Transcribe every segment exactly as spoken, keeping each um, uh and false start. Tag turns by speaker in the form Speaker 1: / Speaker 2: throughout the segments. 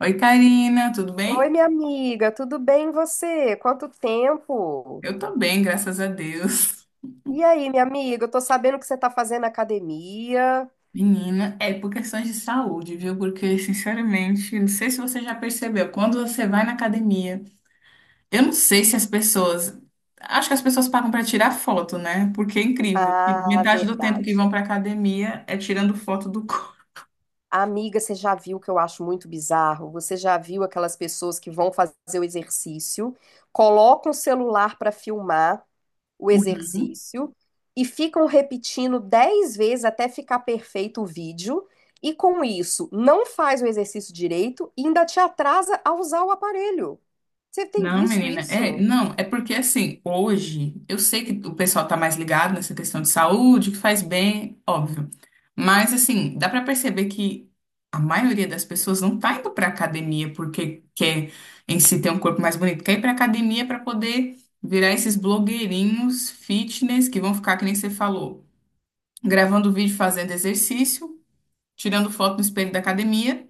Speaker 1: Oi, Karina, tudo
Speaker 2: Oi,
Speaker 1: bem?
Speaker 2: minha amiga, tudo bem e você? Quanto tempo?
Speaker 1: Eu tô bem, graças a Deus.
Speaker 2: E aí, minha amiga, eu tô sabendo que você tá fazendo academia.
Speaker 1: Menina, é por questões de saúde, viu? Porque, sinceramente, não sei se você já percebeu, quando você vai na academia, eu não sei se as pessoas. Acho que as pessoas pagam pra tirar foto, né? Porque é incrível. Que
Speaker 2: Ah,
Speaker 1: metade do tempo que
Speaker 2: verdade.
Speaker 1: vão pra academia é tirando foto do corpo.
Speaker 2: Amiga, você já viu o que eu acho muito bizarro? Você já viu aquelas pessoas que vão fazer o exercício, colocam o celular pra filmar o exercício e ficam repetindo dez vezes até ficar perfeito o vídeo. E com isso, não faz o exercício direito e ainda te atrasa a usar o aparelho. Você tem
Speaker 1: Não,
Speaker 2: visto
Speaker 1: menina, é,
Speaker 2: isso?
Speaker 1: não, é porque assim, hoje, eu sei que o pessoal tá mais ligado nessa questão de saúde, que faz bem, óbvio. Mas assim, dá pra perceber que a maioria das pessoas não tá indo pra academia porque quer em si ter um corpo mais bonito, quer ir pra academia pra poder virar esses blogueirinhos fitness que vão ficar, que nem você falou, gravando vídeo fazendo exercício, tirando foto no espelho da academia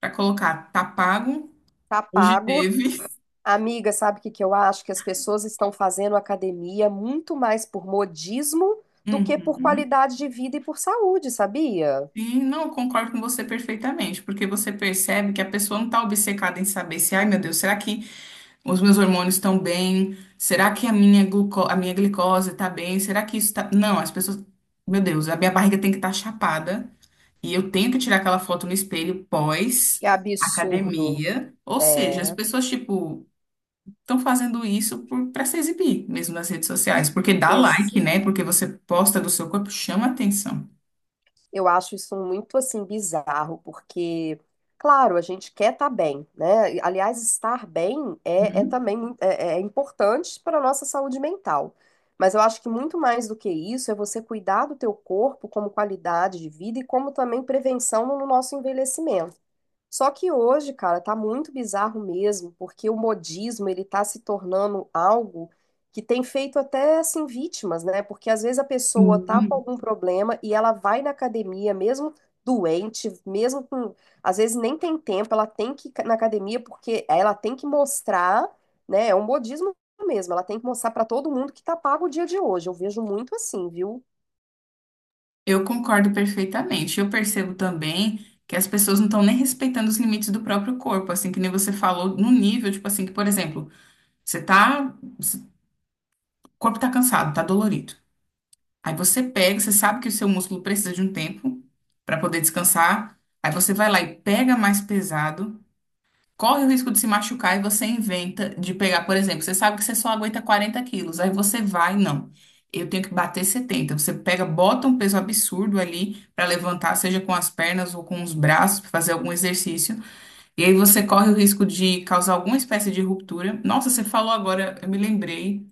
Speaker 1: pra colocar, tá pago,
Speaker 2: Tá
Speaker 1: hoje
Speaker 2: pago.
Speaker 1: teve.
Speaker 2: Amiga, sabe o que que eu acho? Que as pessoas estão fazendo academia muito mais por modismo do que por
Speaker 1: Uhum.
Speaker 2: qualidade de vida e por saúde, sabia?
Speaker 1: Sim, não, eu concordo com você perfeitamente, porque você percebe que a pessoa não está obcecada em saber se, ai meu Deus, será que os meus hormônios estão bem? Será que a minha gluco a minha glicose está bem? Será que isso está. Não, as pessoas. Meu Deus, a minha barriga tem que estar chapada e eu tenho que tirar aquela foto no espelho pós
Speaker 2: Que absurdo.
Speaker 1: academia. Ou seja, as
Speaker 2: É,
Speaker 1: pessoas, tipo, estão fazendo isso para se exibir mesmo nas redes sociais, porque dá like, né? Porque você posta do seu corpo, chama atenção.
Speaker 2: eu acho isso muito assim bizarro, porque, claro, a gente quer estar bem, né? E, aliás, estar bem é, é também mui- é, é importante para a nossa saúde mental. Mas eu acho que muito mais do que isso é você cuidar do teu corpo como qualidade de vida e como também prevenção no nosso envelhecimento. Só que hoje, cara, tá muito bizarro mesmo, porque o modismo, ele tá se tornando algo que tem feito até, assim, vítimas, né? Porque às vezes a pessoa tá com
Speaker 1: Uhum.
Speaker 2: algum problema e ela vai na academia, mesmo doente, mesmo com... Às vezes nem tem tempo, ela tem que ir na academia porque ela tem que mostrar, né? É um modismo mesmo, ela tem que mostrar pra todo mundo que tá pago o dia de hoje. Eu vejo muito assim, viu?
Speaker 1: Eu concordo perfeitamente. Eu percebo também que as pessoas não estão nem respeitando os limites do próprio corpo, assim, que nem você falou, no nível, tipo assim, que, por exemplo, você tá, o corpo tá cansado, tá dolorido. Aí você pega, você sabe que o seu músculo precisa de um tempo para poder descansar. Aí você vai lá e pega mais pesado, corre o risco de se machucar e você inventa de pegar, por exemplo, você sabe que você só aguenta quarenta quilos, aí você vai, não. Eu tenho que bater setenta. Você pega, bota um peso absurdo ali para levantar, seja com as pernas ou com os braços, pra fazer algum exercício. E aí você corre o risco de causar alguma espécie de ruptura. Nossa, você falou agora, eu me lembrei,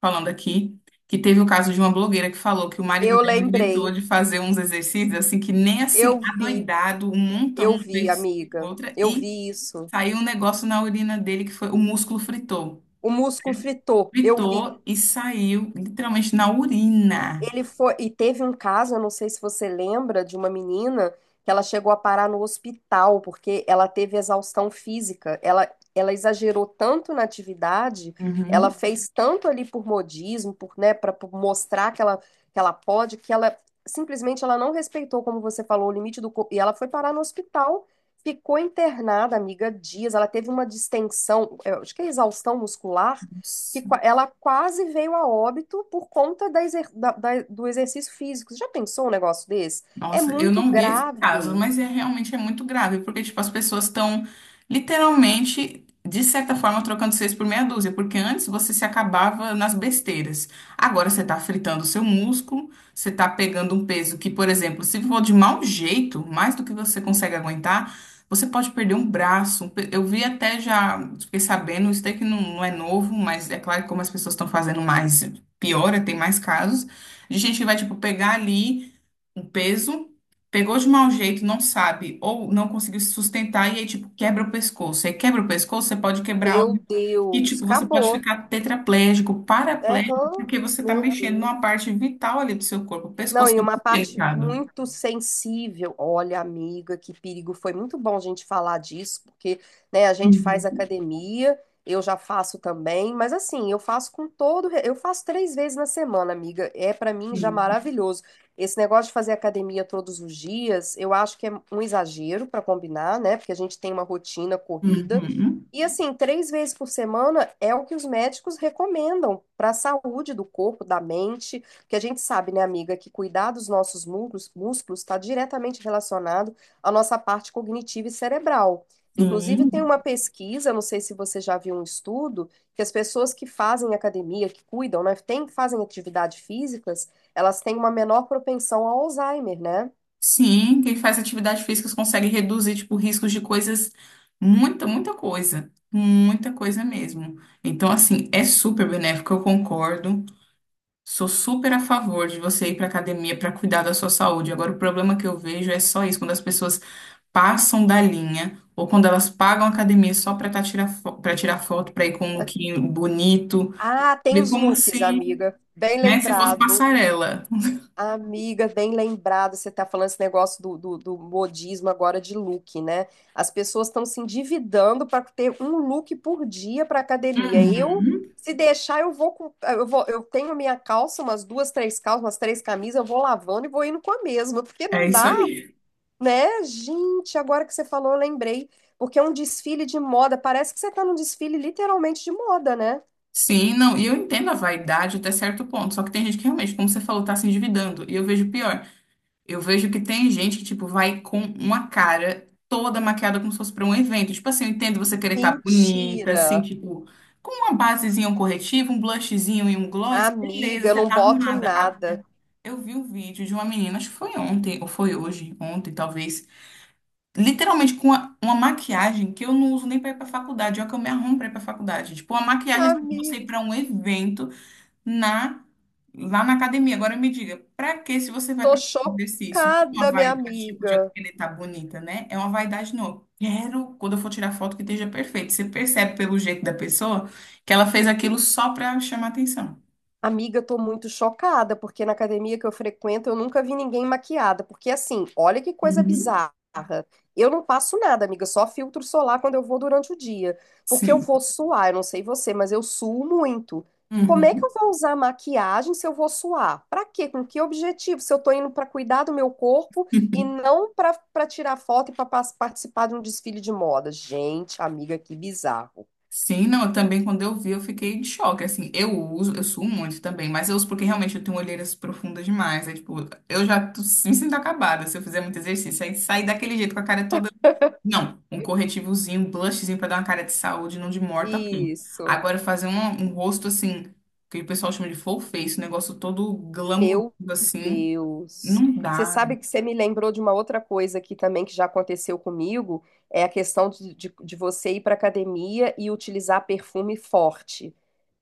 Speaker 1: falando aqui, que teve o caso de uma blogueira que falou que o marido
Speaker 2: Eu
Speaker 1: dela inventou
Speaker 2: lembrei,
Speaker 1: de fazer uns exercícios assim que nem assim,
Speaker 2: eu vi,
Speaker 1: adoidado, um montão,
Speaker 2: eu
Speaker 1: uma
Speaker 2: vi,
Speaker 1: vez,
Speaker 2: amiga,
Speaker 1: outra,
Speaker 2: eu
Speaker 1: e
Speaker 2: vi isso.
Speaker 1: saiu um negócio na urina dele que foi o músculo fritou.
Speaker 2: O músculo fritou, eu vi.
Speaker 1: Fritou e saiu literalmente na urina.
Speaker 2: Ele foi. E teve um caso, eu não sei se você lembra, de uma menina que ela chegou a parar no hospital porque ela teve exaustão física. Ela, ela exagerou tanto na atividade, ela
Speaker 1: Uhum.
Speaker 2: fez tanto ali por modismo, por, né, para mostrar que ela, que ela pode, que ela simplesmente ela não respeitou, como você falou, o limite do corpo. E ela foi parar no hospital. Ficou internada, amiga, dias. Ela teve uma distensão, eu acho que é exaustão muscular, que qua- ela quase veio a óbito por conta da exer- da- da- do exercício físico. Você já pensou um negócio desse? É
Speaker 1: Nossa, eu
Speaker 2: muito
Speaker 1: não vi esse caso,
Speaker 2: grave.
Speaker 1: mas é realmente é muito grave, porque tipo as pessoas estão literalmente de certa forma trocando seis por meia dúzia, porque antes você se acabava nas besteiras. Agora você está fritando o seu músculo, você está pegando um peso que, por exemplo, se for de mau jeito, mais do que você consegue aguentar, você pode perder um braço, um pe- eu vi até já, fiquei sabendo, isso daí que não, não é novo, mas é claro que como as pessoas estão fazendo mais, piora, tem mais casos de gente que vai tipo pegar ali um peso, pegou de mau jeito, não sabe, ou não conseguiu se sustentar, e aí, tipo, quebra o pescoço. Aí quebra o pescoço, você pode quebrar
Speaker 2: Meu
Speaker 1: algo que,
Speaker 2: Deus,
Speaker 1: tipo, você pode
Speaker 2: acabou.
Speaker 1: ficar tetraplégico, paraplégico,
Speaker 2: Aham,
Speaker 1: porque você tá
Speaker 2: meu
Speaker 1: mexendo
Speaker 2: Deus.
Speaker 1: numa parte vital ali do seu corpo. O
Speaker 2: Não,
Speaker 1: pescoço
Speaker 2: e
Speaker 1: é
Speaker 2: uma
Speaker 1: muito
Speaker 2: parte
Speaker 1: delicado.
Speaker 2: muito sensível. Olha, amiga, que perigo. Foi muito bom a gente falar disso, porque, né, a gente faz
Speaker 1: Uhum.
Speaker 2: academia, eu já faço também, mas assim, eu faço com todo, re- eu faço três vezes na semana, amiga. É pra mim já maravilhoso. Esse negócio de fazer academia todos os dias, eu acho que é um exagero para combinar, né? Porque a gente tem uma rotina corrida.
Speaker 1: Uhum.
Speaker 2: E assim, três vezes por semana é o que os médicos recomendam para a saúde do corpo, da mente. Porque a gente sabe, né, amiga, que cuidar dos nossos músculos músculos está diretamente relacionado à nossa parte cognitiva e cerebral. Inclusive,
Speaker 1: Sim.
Speaker 2: tem uma pesquisa, não sei se você já viu um estudo, que as pessoas que fazem academia, que cuidam, né, tem, fazem atividade físicas, elas têm uma menor propensão ao Alzheimer, né?
Speaker 1: Sim, quem faz atividade física consegue reduzir, tipo, riscos de coisas, muita, muita coisa, muita coisa mesmo. Então, assim, é super benéfico, eu concordo. Sou super a favor de você ir para academia para cuidar da sua saúde. Agora, o problema que eu vejo é só isso, quando as pessoas passam da linha ou quando elas pagam a academia só para tirar, para tirar foto, para ir com um lookinho bonito,
Speaker 2: Ah, tem
Speaker 1: de
Speaker 2: os
Speaker 1: como
Speaker 2: looks,
Speaker 1: se,
Speaker 2: amiga. Bem
Speaker 1: né, se fosse
Speaker 2: lembrado.
Speaker 1: passarela.
Speaker 2: Amiga, bem lembrado, você está falando esse negócio do, do, do modismo agora de look, né? As pessoas estão se endividando para ter um look por dia para academia. Eu,
Speaker 1: Uhum.
Speaker 2: se deixar, eu vou, com- eu vou, eu tenho a minha calça, umas duas, três calças, umas três camisas, eu vou lavando e vou indo com a mesma, porque
Speaker 1: É
Speaker 2: não
Speaker 1: isso
Speaker 2: dá,
Speaker 1: aí.
Speaker 2: né? Gente, agora que você falou, eu lembrei, porque é um desfile de moda, parece que você está num desfile literalmente de moda, né?
Speaker 1: Sim, não, e eu entendo a vaidade até certo ponto, só que tem gente que realmente, como você falou, tá se endividando. E eu vejo pior. Eu vejo que tem gente que, tipo, vai com uma cara toda maquiada como se fosse pra um evento. Tipo assim, eu entendo você querer estar bonita, assim,
Speaker 2: Mentira,
Speaker 1: tipo, com uma basezinha, um corretivo, um blushzinho e um gloss,
Speaker 2: amiga,
Speaker 1: beleza,
Speaker 2: eu
Speaker 1: você
Speaker 2: não
Speaker 1: tá
Speaker 2: boto
Speaker 1: arrumada.
Speaker 2: nada.
Speaker 1: Agora, eu vi um vídeo de uma menina, acho que foi ontem, ou foi hoje, ontem talvez, literalmente com uma, uma maquiagem que eu não uso nem pra ir pra faculdade, é o que eu me arrumo pra ir pra faculdade. Tipo, uma maquiagem assim, pra você ir
Speaker 2: Amiga.
Speaker 1: pra um evento na, lá na academia. Agora me diga, para que se você vai
Speaker 2: Tô
Speaker 1: para exercício? Não é uma
Speaker 2: chocada, minha
Speaker 1: vaidade, tipo, de eu
Speaker 2: amiga.
Speaker 1: querer estar bonita, né? É uma vaidade, não. Eu quero, quando eu for tirar foto, que esteja perfeito. Você percebe pelo jeito da pessoa que ela fez aquilo só para chamar atenção.
Speaker 2: Amiga, tô muito chocada, porque na academia que eu frequento eu nunca vi ninguém maquiada. Porque assim, olha que coisa
Speaker 1: Uhum.
Speaker 2: bizarra. Eu não passo nada, amiga, só filtro solar quando eu vou durante o dia. Porque eu
Speaker 1: Sim.
Speaker 2: vou suar, eu não sei você, mas eu suo muito. Como é que
Speaker 1: Uhum.
Speaker 2: eu vou usar maquiagem se eu vou suar? Pra quê? Com que objetivo? Se eu tô indo pra cuidar do meu corpo e não pra para tirar foto e pra pas- participar de um desfile de moda. Gente, amiga, que bizarro.
Speaker 1: Sim, não, eu também quando eu vi eu fiquei de choque, assim, eu uso, eu suo muito também, mas eu uso porque realmente eu tenho olheiras profundas demais, é tipo, eu já tô- me sinto acabada se eu fizer muito exercício, aí sair daquele jeito com a cara toda. Não, um corretivozinho, um blushzinho pra dar uma cara de saúde, não de morta, ok.
Speaker 2: Isso.
Speaker 1: Agora fazer um, um rosto assim, que o pessoal chama de full face, um negócio todo glamuroso
Speaker 2: Meu
Speaker 1: assim,
Speaker 2: Deus.
Speaker 1: não
Speaker 2: Você
Speaker 1: dá.
Speaker 2: sabe que você me lembrou de uma outra coisa aqui também que já aconteceu comigo, é a questão de, de, de você ir para academia e utilizar perfume forte.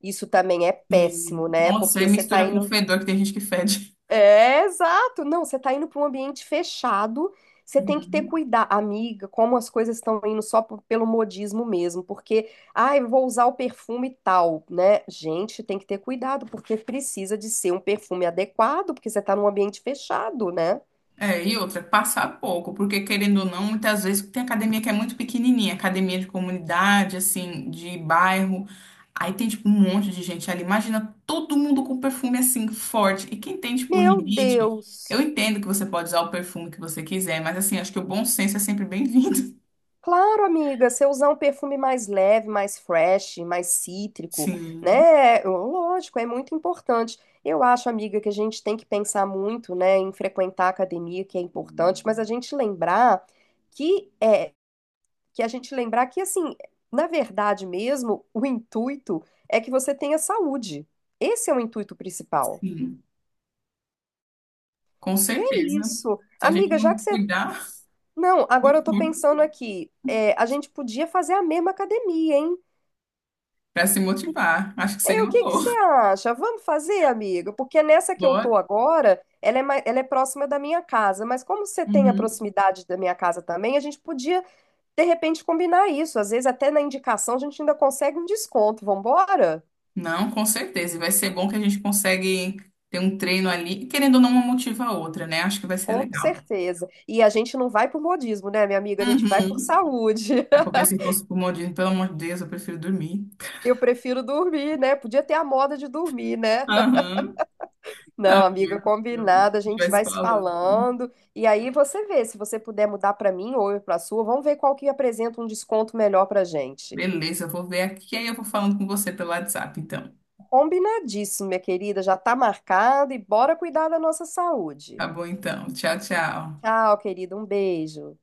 Speaker 2: Isso também é péssimo,
Speaker 1: Assim.
Speaker 2: né?
Speaker 1: Nossa, aí
Speaker 2: Porque você está
Speaker 1: mistura
Speaker 2: indo
Speaker 1: com fedor que tem gente que fede.
Speaker 2: é, exato. Não, você tá indo para um ambiente fechado, você tem que ter
Speaker 1: Uhum.
Speaker 2: cuidado, amiga, como as coisas estão indo só p- pelo modismo mesmo, porque, ai, eu vou usar o perfume tal, né? Gente, tem que ter cuidado, porque precisa de ser um perfume adequado, porque você tá num ambiente fechado, né?
Speaker 1: É, e outra, passar pouco, porque querendo ou não, muitas vezes tem academia que é muito pequenininha, academia de comunidade, assim, de bairro. Aí tem, tipo, um monte de gente ali. Imagina todo mundo com perfume, assim, forte. E quem tem, tipo,
Speaker 2: Meu
Speaker 1: rinite,
Speaker 2: Deus.
Speaker 1: eu entendo que você pode usar o perfume que você quiser, mas, assim, acho que o bom senso é sempre bem-vindo.
Speaker 2: Claro, amiga, você usar um perfume mais leve, mais fresh, mais cítrico,
Speaker 1: Sim,
Speaker 2: né? Lógico, é muito importante. Eu acho, amiga, que a gente tem que pensar muito, né, em frequentar a academia, que é importante, mas a gente lembrar que é que a gente lembrar que assim, na verdade mesmo, o intuito é que você tenha saúde. Esse é o intuito principal.
Speaker 1: sim, com
Speaker 2: E é
Speaker 1: certeza.
Speaker 2: isso.
Speaker 1: Se a gente
Speaker 2: Amiga, já
Speaker 1: não
Speaker 2: que você
Speaker 1: cuidar
Speaker 2: Não, agora eu
Speaker 1: do
Speaker 2: tô
Speaker 1: corpo
Speaker 2: pensando aqui, é, a gente podia fazer a mesma academia, hein?
Speaker 1: pra se motivar, acho que
Speaker 2: Ei,
Speaker 1: seria
Speaker 2: o
Speaker 1: uma
Speaker 2: que que você
Speaker 1: boa.
Speaker 2: acha? Vamos fazer, amiga? Porque nessa que eu
Speaker 1: Bora.
Speaker 2: tô agora, ela é, mai- ela é próxima da minha casa, mas como você tem a
Speaker 1: Uhum.
Speaker 2: proximidade da minha casa também, a gente podia, de repente, combinar isso. Às vezes, até na indicação, a gente ainda consegue um desconto. Vambora?
Speaker 1: Não, com certeza. E vai ser bom que a gente consegue ter um treino ali, e querendo ou não, uma motiva a outra, né? Acho que vai ser
Speaker 2: Com
Speaker 1: legal.
Speaker 2: certeza. E a gente não vai por modismo, né, minha amiga? A gente vai por
Speaker 1: Uhum.
Speaker 2: saúde.
Speaker 1: É porque se fosse por modismo, pelo amor de Deus, eu prefiro dormir.
Speaker 2: Eu prefiro dormir, né? Podia ter a moda de dormir, né?
Speaker 1: Aham.
Speaker 2: Não,
Speaker 1: Tá
Speaker 2: amiga,
Speaker 1: bom. Então,
Speaker 2: combinado. A
Speaker 1: a gente
Speaker 2: gente
Speaker 1: vai se
Speaker 2: vai se
Speaker 1: falando.
Speaker 2: falando. E aí você vê, se você puder mudar para mim ou eu para sua, vamos ver qual que apresenta um desconto melhor para gente.
Speaker 1: Beleza, eu vou ver aqui, aí eu vou falando com você pelo WhatsApp, então.
Speaker 2: Combinadíssimo, minha querida. Já tá marcado e bora cuidar da nossa
Speaker 1: Tá
Speaker 2: saúde.
Speaker 1: bom, então. Tchau, tchau.
Speaker 2: Tchau, querida. Um beijo.